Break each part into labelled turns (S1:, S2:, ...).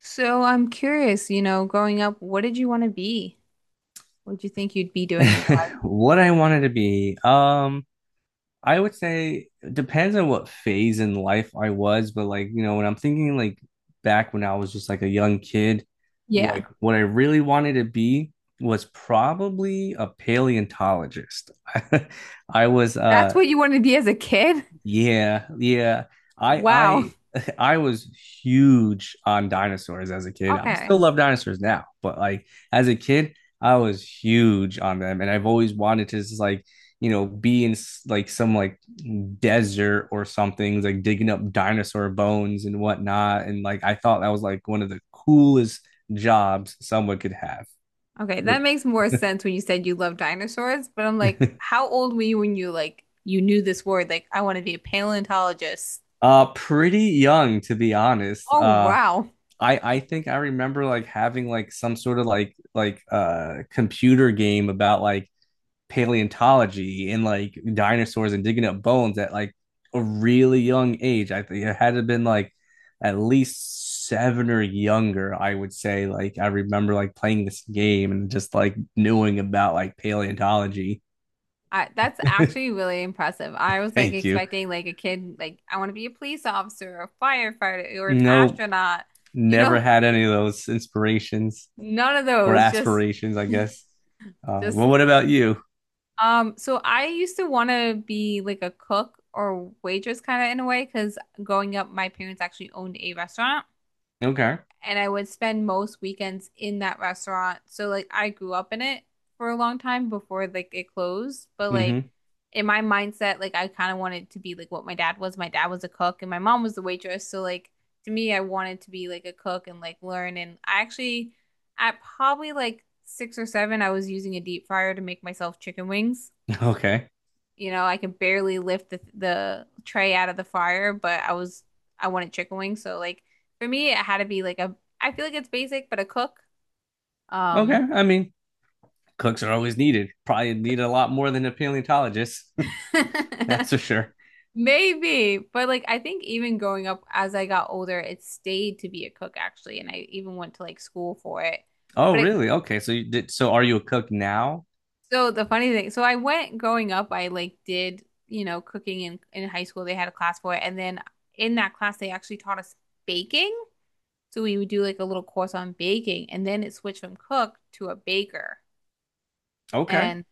S1: So I'm curious, you know, growing up, what did you want to be? What did you think you'd be doing in your life?
S2: What I wanted to be, I would say it depends on what phase in life I was, but like, you know, when I'm thinking like back when I was just like a young kid,
S1: Yeah.
S2: like what I really wanted to be was probably a paleontologist. I was
S1: That's what you wanted to be as a kid?
S2: Yeah, yeah. I
S1: Wow.
S2: I I was huge on dinosaurs as a kid. I still
S1: Okay.
S2: love dinosaurs now, but like as a kid, I was huge on them, and I've always wanted to just like be in like some like desert or something, like digging up dinosaur bones and whatnot. And like I thought that was like one of the coolest jobs someone could have.
S1: Okay, that makes more sense when you said you love dinosaurs, but I'm like, how old were you when you like you knew this word? Like, I want to be a paleontologist.
S2: Pretty young, to be honest.
S1: Oh, wow.
S2: I think I remember like having like some sort of like computer game about like paleontology and like dinosaurs and digging up bones at like a really young age. I think it had to have been like at least seven or younger, I would say. Like I remember like playing this game and just like knowing about like paleontology.
S1: That's actually really impressive. I was like
S2: Thank you.
S1: expecting like a kid like I want to be a police officer, a firefighter, or an
S2: No,
S1: astronaut. You
S2: never
S1: know,
S2: had any of those inspirations
S1: none of
S2: or
S1: those.
S2: aspirations, I guess. Well,
S1: Just
S2: what about you?
S1: So I used to want to be like a cook or waitress kind of in a way because growing up, my parents actually owned a restaurant
S2: Okay.
S1: and I would spend most weekends in that restaurant. So like I grew up in it for a long time before like it closed. But
S2: Hmm.
S1: like in my mindset, like I kind of wanted to be like what my dad was. My dad was a cook and my mom was the waitress. So like to me, I wanted to be like a cook and like learn. And I actually at probably like 6 or 7, I was using a deep fryer to make myself chicken wings.
S2: Okay.
S1: I could barely lift the tray out of the fire, but I wanted chicken wings, so like for me it had to be like a I feel like it's basic, but a cook.
S2: Okay.
S1: Um
S2: I mean, cooks are always needed. Probably need a lot more than a paleontologist. That's for sure.
S1: Maybe, but like I think even going up as I got older, it stayed to be a cook actually, and I even went to like school for it.
S2: Oh,
S1: But it
S2: really? Okay. So are you a cook now?
S1: so the funny thing, so I went growing up, I like did, cooking in high school, they had a class for it, and then in that class they actually taught us baking. So we would do like a little course on baking, and then it switched from cook to a baker.
S2: Okay.
S1: And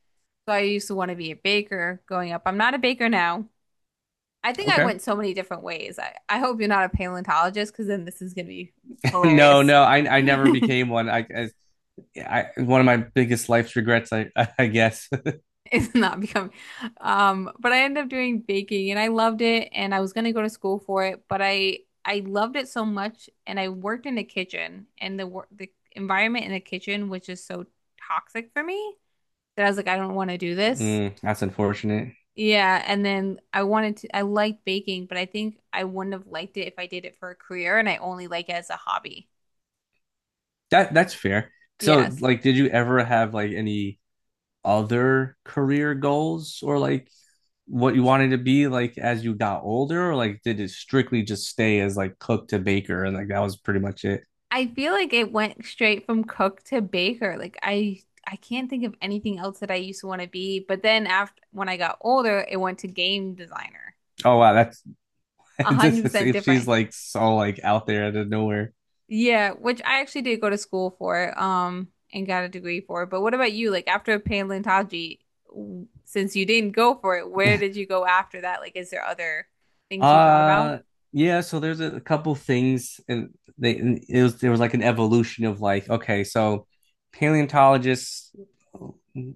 S1: so I used to want to be a baker going up. I'm not a baker now. I think I
S2: Okay.
S1: went so many different ways. I hope you're not a paleontologist because then this is going to be
S2: No,
S1: hilarious.
S2: no, I never became one. I one of my biggest life's regrets, I I guess.
S1: It's not becoming. But I ended up doing baking and I loved it and I was going to go to school for it, but I loved it so much and I worked in the kitchen and the environment in the kitchen was just so toxic for me that I was like, I don't want to do this.
S2: That's unfortunate.
S1: Yeah, and then I liked baking, but I think I wouldn't have liked it if I did it for a career and I only like it as a hobby.
S2: That's fair. So,
S1: Yes.
S2: like, did you ever have like any other career goals, or like what you wanted to be like as you got older, or like did it strictly just stay as like cook to baker and like that was pretty much it?
S1: I feel like it went straight from cook to baker. Like I can't think of anything else that I used to want to be, but then after when I got older, it went to game designer.
S2: Oh, wow, that's just,
S1: 100%
S2: if she's
S1: different.
S2: like so like out there, out of nowhere.
S1: Yeah, which I actually did go to school for, and got a degree for. But what about you? Like after paleontology, since you didn't go for it, where did you go after that? Like, is there other things you thought about?
S2: Uh yeah, so there's a couple things, and they and it was there was like an evolution of like, okay, so paleontologists, uh,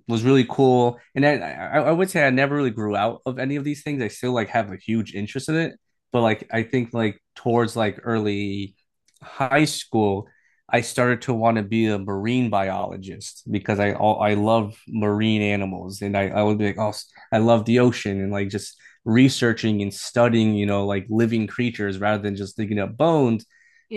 S2: was really cool, and then I would say I never really grew out of any of these things. I still like have a huge interest in it, but like I think like towards like early high school I started to want to be a marine biologist because I love marine animals, and I would be like, oh, I love the ocean, and like just researching and studying, like living creatures rather than just digging up bones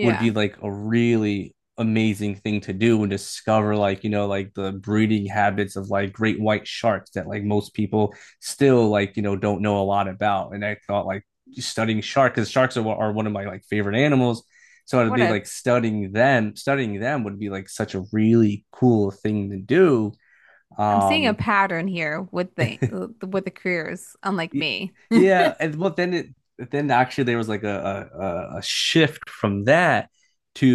S2: would be like a really amazing thing to do and discover like, like the breeding habits of like great white sharks that like most people still like, don't know a lot about. And I thought like studying shark because sharks are one of my like favorite animals. So it'd
S1: What
S2: be
S1: a,
S2: like studying them would be like such a really cool thing to do.
S1: I'm seeing a
S2: Um,
S1: pattern here with the careers, unlike
S2: Y-
S1: me.
S2: Yeah, and well, then actually there was like a shift from that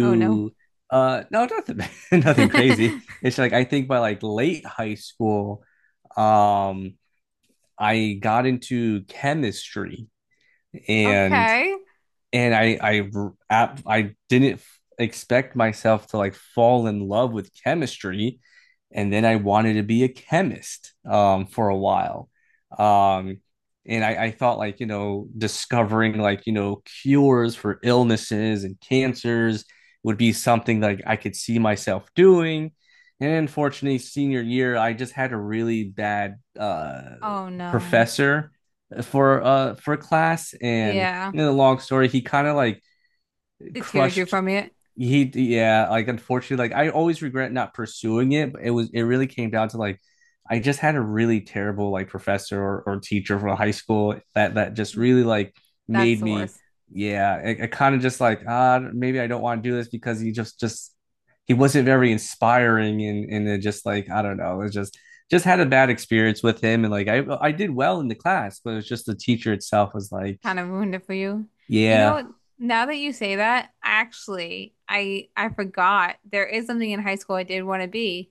S1: Oh no.
S2: no, nothing, nothing crazy. It's like I think by like late high school, um, I got into chemistry, and
S1: Okay.
S2: and I didn't expect myself to like fall in love with chemistry, and then I wanted to be a chemist for a while, um, and I thought like discovering like cures for illnesses and cancers would be something like I could see myself doing. And unfortunately, senior year, I just had a really bad
S1: Oh no.
S2: professor for class, and
S1: Yeah.
S2: in a long story, he kind of like
S1: The tearjerker
S2: crushed.
S1: from it.
S2: He Yeah, like unfortunately, like I always regret not pursuing it, but it really came down to like I just had a really terrible like professor or teacher from high school that just really like
S1: That's
S2: made
S1: the
S2: me,
S1: worst.
S2: yeah, I kind of just like, maybe I don't want to do this, because he just he wasn't very inspiring, and it just like, I don't know, it just had a bad experience with him, and like I did well in the class, but it was just the teacher itself was like,
S1: Kind of ruined it for you. You know
S2: yeah.
S1: what? Now that you say that, actually, I forgot there is something in high school I did want to be.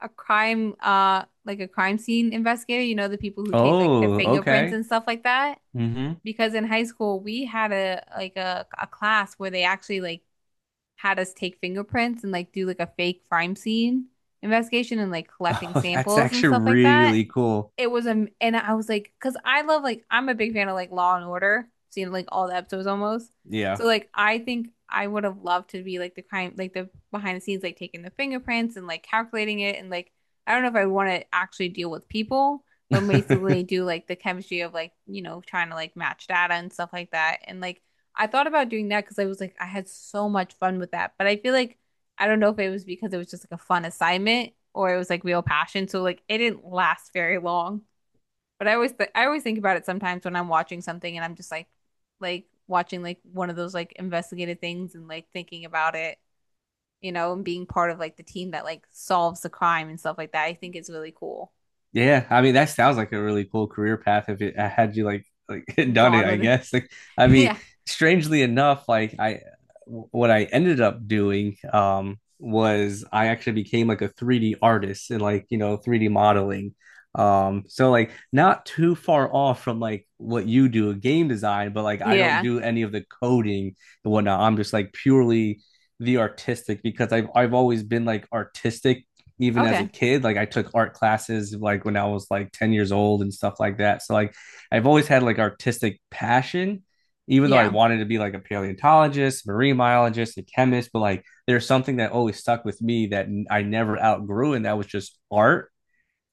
S1: A crime scene investigator, the people who take like their
S2: Oh,
S1: fingerprints
S2: okay.
S1: and stuff like that.
S2: Hmm.
S1: Because in high school we had a class where they actually like had us take fingerprints and like do like a fake crime scene investigation and like collecting
S2: Oh, that's
S1: samples and
S2: actually
S1: stuff like that.
S2: really cool.
S1: It was a and I was like, because I love like I'm a big fan of like Law and Order, seeing like all the episodes almost.
S2: Yeah.
S1: So like I think I would have loved to be like the crime, like the behind the scenes, like taking the fingerprints and like calculating it, and like I don't know if I want to actually deal with people, but basically do like the chemistry of like trying to like match data and stuff like that, and like. I thought about doing that because I was like, I had so much fun with that. But I feel like I don't know if it was because it was just like a fun assignment or it was like real passion. So like it didn't last very long. But I always th I always think about it sometimes when I'm watching something and I'm just like watching like one of those like investigative things and like thinking about it, and being part of like the team that like solves the crime and stuff like that. I think it's really cool.
S2: Yeah, I mean, that sounds like a really cool career path if it had you like done it,
S1: Gone
S2: I
S1: with it.
S2: guess. Like, I mean,
S1: Yeah.
S2: strangely enough, like I what I ended up doing was I actually became like a 3D artist and like, 3D modeling. So like, not too far off from like what you do, game design, but like I don't
S1: Yeah.
S2: do any of the coding and whatnot. I'm just like purely the artistic, because I've always been like artistic, even as a
S1: Okay.
S2: kid. Like, I took art classes like when I was like 10 years old and stuff like that. So like, I've always had like artistic passion, even though I
S1: Yeah.
S2: wanted to be like a paleontologist, marine biologist, a chemist, but like there's something that always stuck with me that I never outgrew, and that was just art.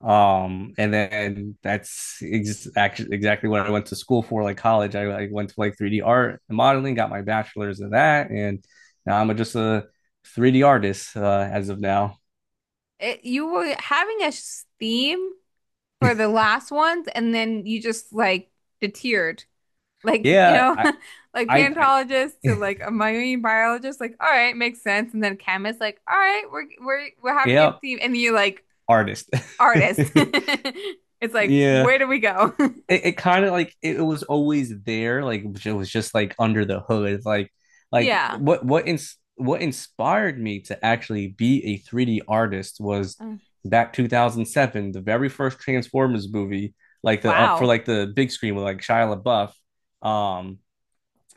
S2: And then that's actually exactly what I went to school for. Like college, I went to like 3D art and modeling, got my bachelor's in that, and now I'm just a 3D artist, as of now.
S1: You were having a theme for the last ones and then you just like deterred. Like, you
S2: Yeah,
S1: know.
S2: I,
S1: Like
S2: I, I
S1: paleontologist to like a marine biologist, like, all right, makes sense, and then chemist like, all right, we're having a
S2: yeah,
S1: team, and you like
S2: artist.
S1: artist. It's like,
S2: Yeah,
S1: where do we go?
S2: it kind of like, it was always there, like it was just like under the hood, like like
S1: Yeah.
S2: what inspired me to actually be a 3D artist was
S1: Uh,
S2: back 2007, the very first Transformers movie, like the for
S1: wow.
S2: like the big screen with like Shia LaBeouf. Um,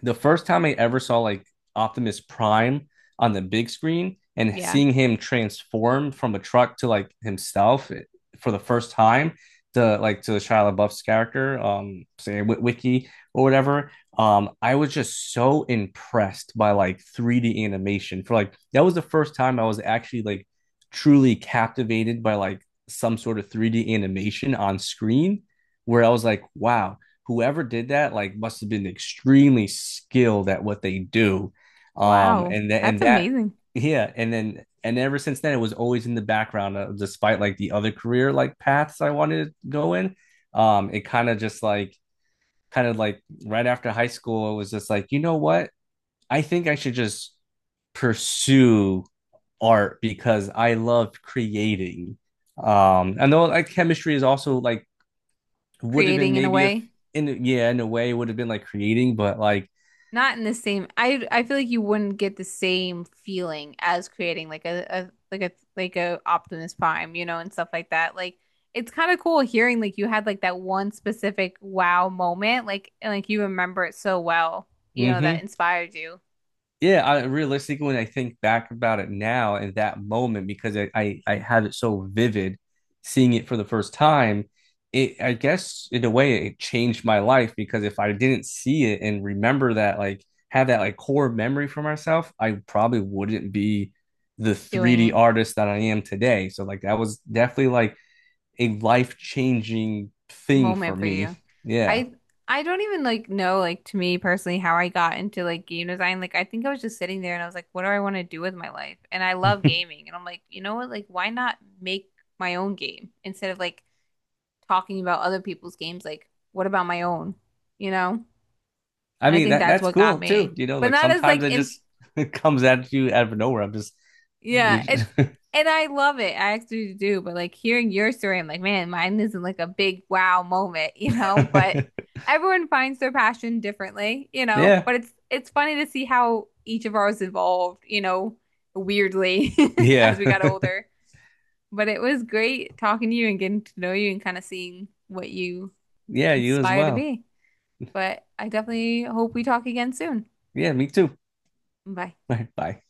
S2: the first time I ever saw like Optimus Prime on the big screen and
S1: Yeah.
S2: seeing him transform from a truck to like himself, for the first time, to Shia LaBeouf's character, say Wiki or whatever. I was just so impressed by like 3D animation, for like that was the first time I was actually like truly captivated by like some sort of 3D animation on screen, where I was like, wow, whoever did that like must have been extremely skilled at what they do.
S1: Wow,
S2: And that
S1: that's
S2: and that
S1: amazing.
S2: yeah, and ever since then it was always in the background, despite like the other career like paths I wanted to go in. It kind of just like Kind of like right after high school, it was just like, you know what? I think I should just pursue art, because I love creating. I know like chemistry is also like would have been,
S1: Creating in a
S2: maybe, if,
S1: way.
S2: in yeah, in a way it would have been like creating, but like,
S1: Not in the same. I feel like you wouldn't get the same feeling as creating like a Optimus Prime, you know, and stuff like that. Like it's kind of cool hearing like you had like that one specific wow moment, like and like you remember it so well, you know, that
S2: mm-hmm,
S1: inspired you
S2: yeah, I realistically, when I think back about it now in that moment, because I have it so vivid, seeing it for the first time, it, I guess, in a way, it changed my life, because if I didn't see it and remember that, like have that like core memory for myself, I probably wouldn't be the
S1: doing
S2: 3D
S1: it.
S2: artist that I am today. So like that was definitely like a life changing thing for
S1: Moment for you.
S2: me, yeah.
S1: I I don't even like know like to me personally how I got into like game design. Like I think I was just sitting there and I was like, what do I want to do with my life? And I love gaming. And I'm like, you know what? Like why not make my own game instead of like talking about other people's games? Like what about my own? You know?
S2: I
S1: And I
S2: mean,
S1: think
S2: that
S1: that's
S2: that's
S1: what got
S2: cool too.
S1: me.
S2: You know,
S1: But
S2: like
S1: not as
S2: sometimes
S1: like
S2: it
S1: in.
S2: just it comes at you out of nowhere. I'm just, you
S1: Yeah,
S2: just
S1: it's and I love it. I actually do, but like hearing your story, I'm like, man, mine isn't like a big wow moment, you know, but everyone finds their passion differently, you know,
S2: yeah,
S1: but it's funny to see how each of ours evolved, you know, weirdly as
S2: yeah,
S1: we got older. But it was great talking to you and getting to know you and kind of seeing what you
S2: yeah. You as
S1: inspire to
S2: well.
S1: be. But I definitely hope we talk again soon.
S2: Yeah, me too.
S1: Bye.
S2: All right, bye.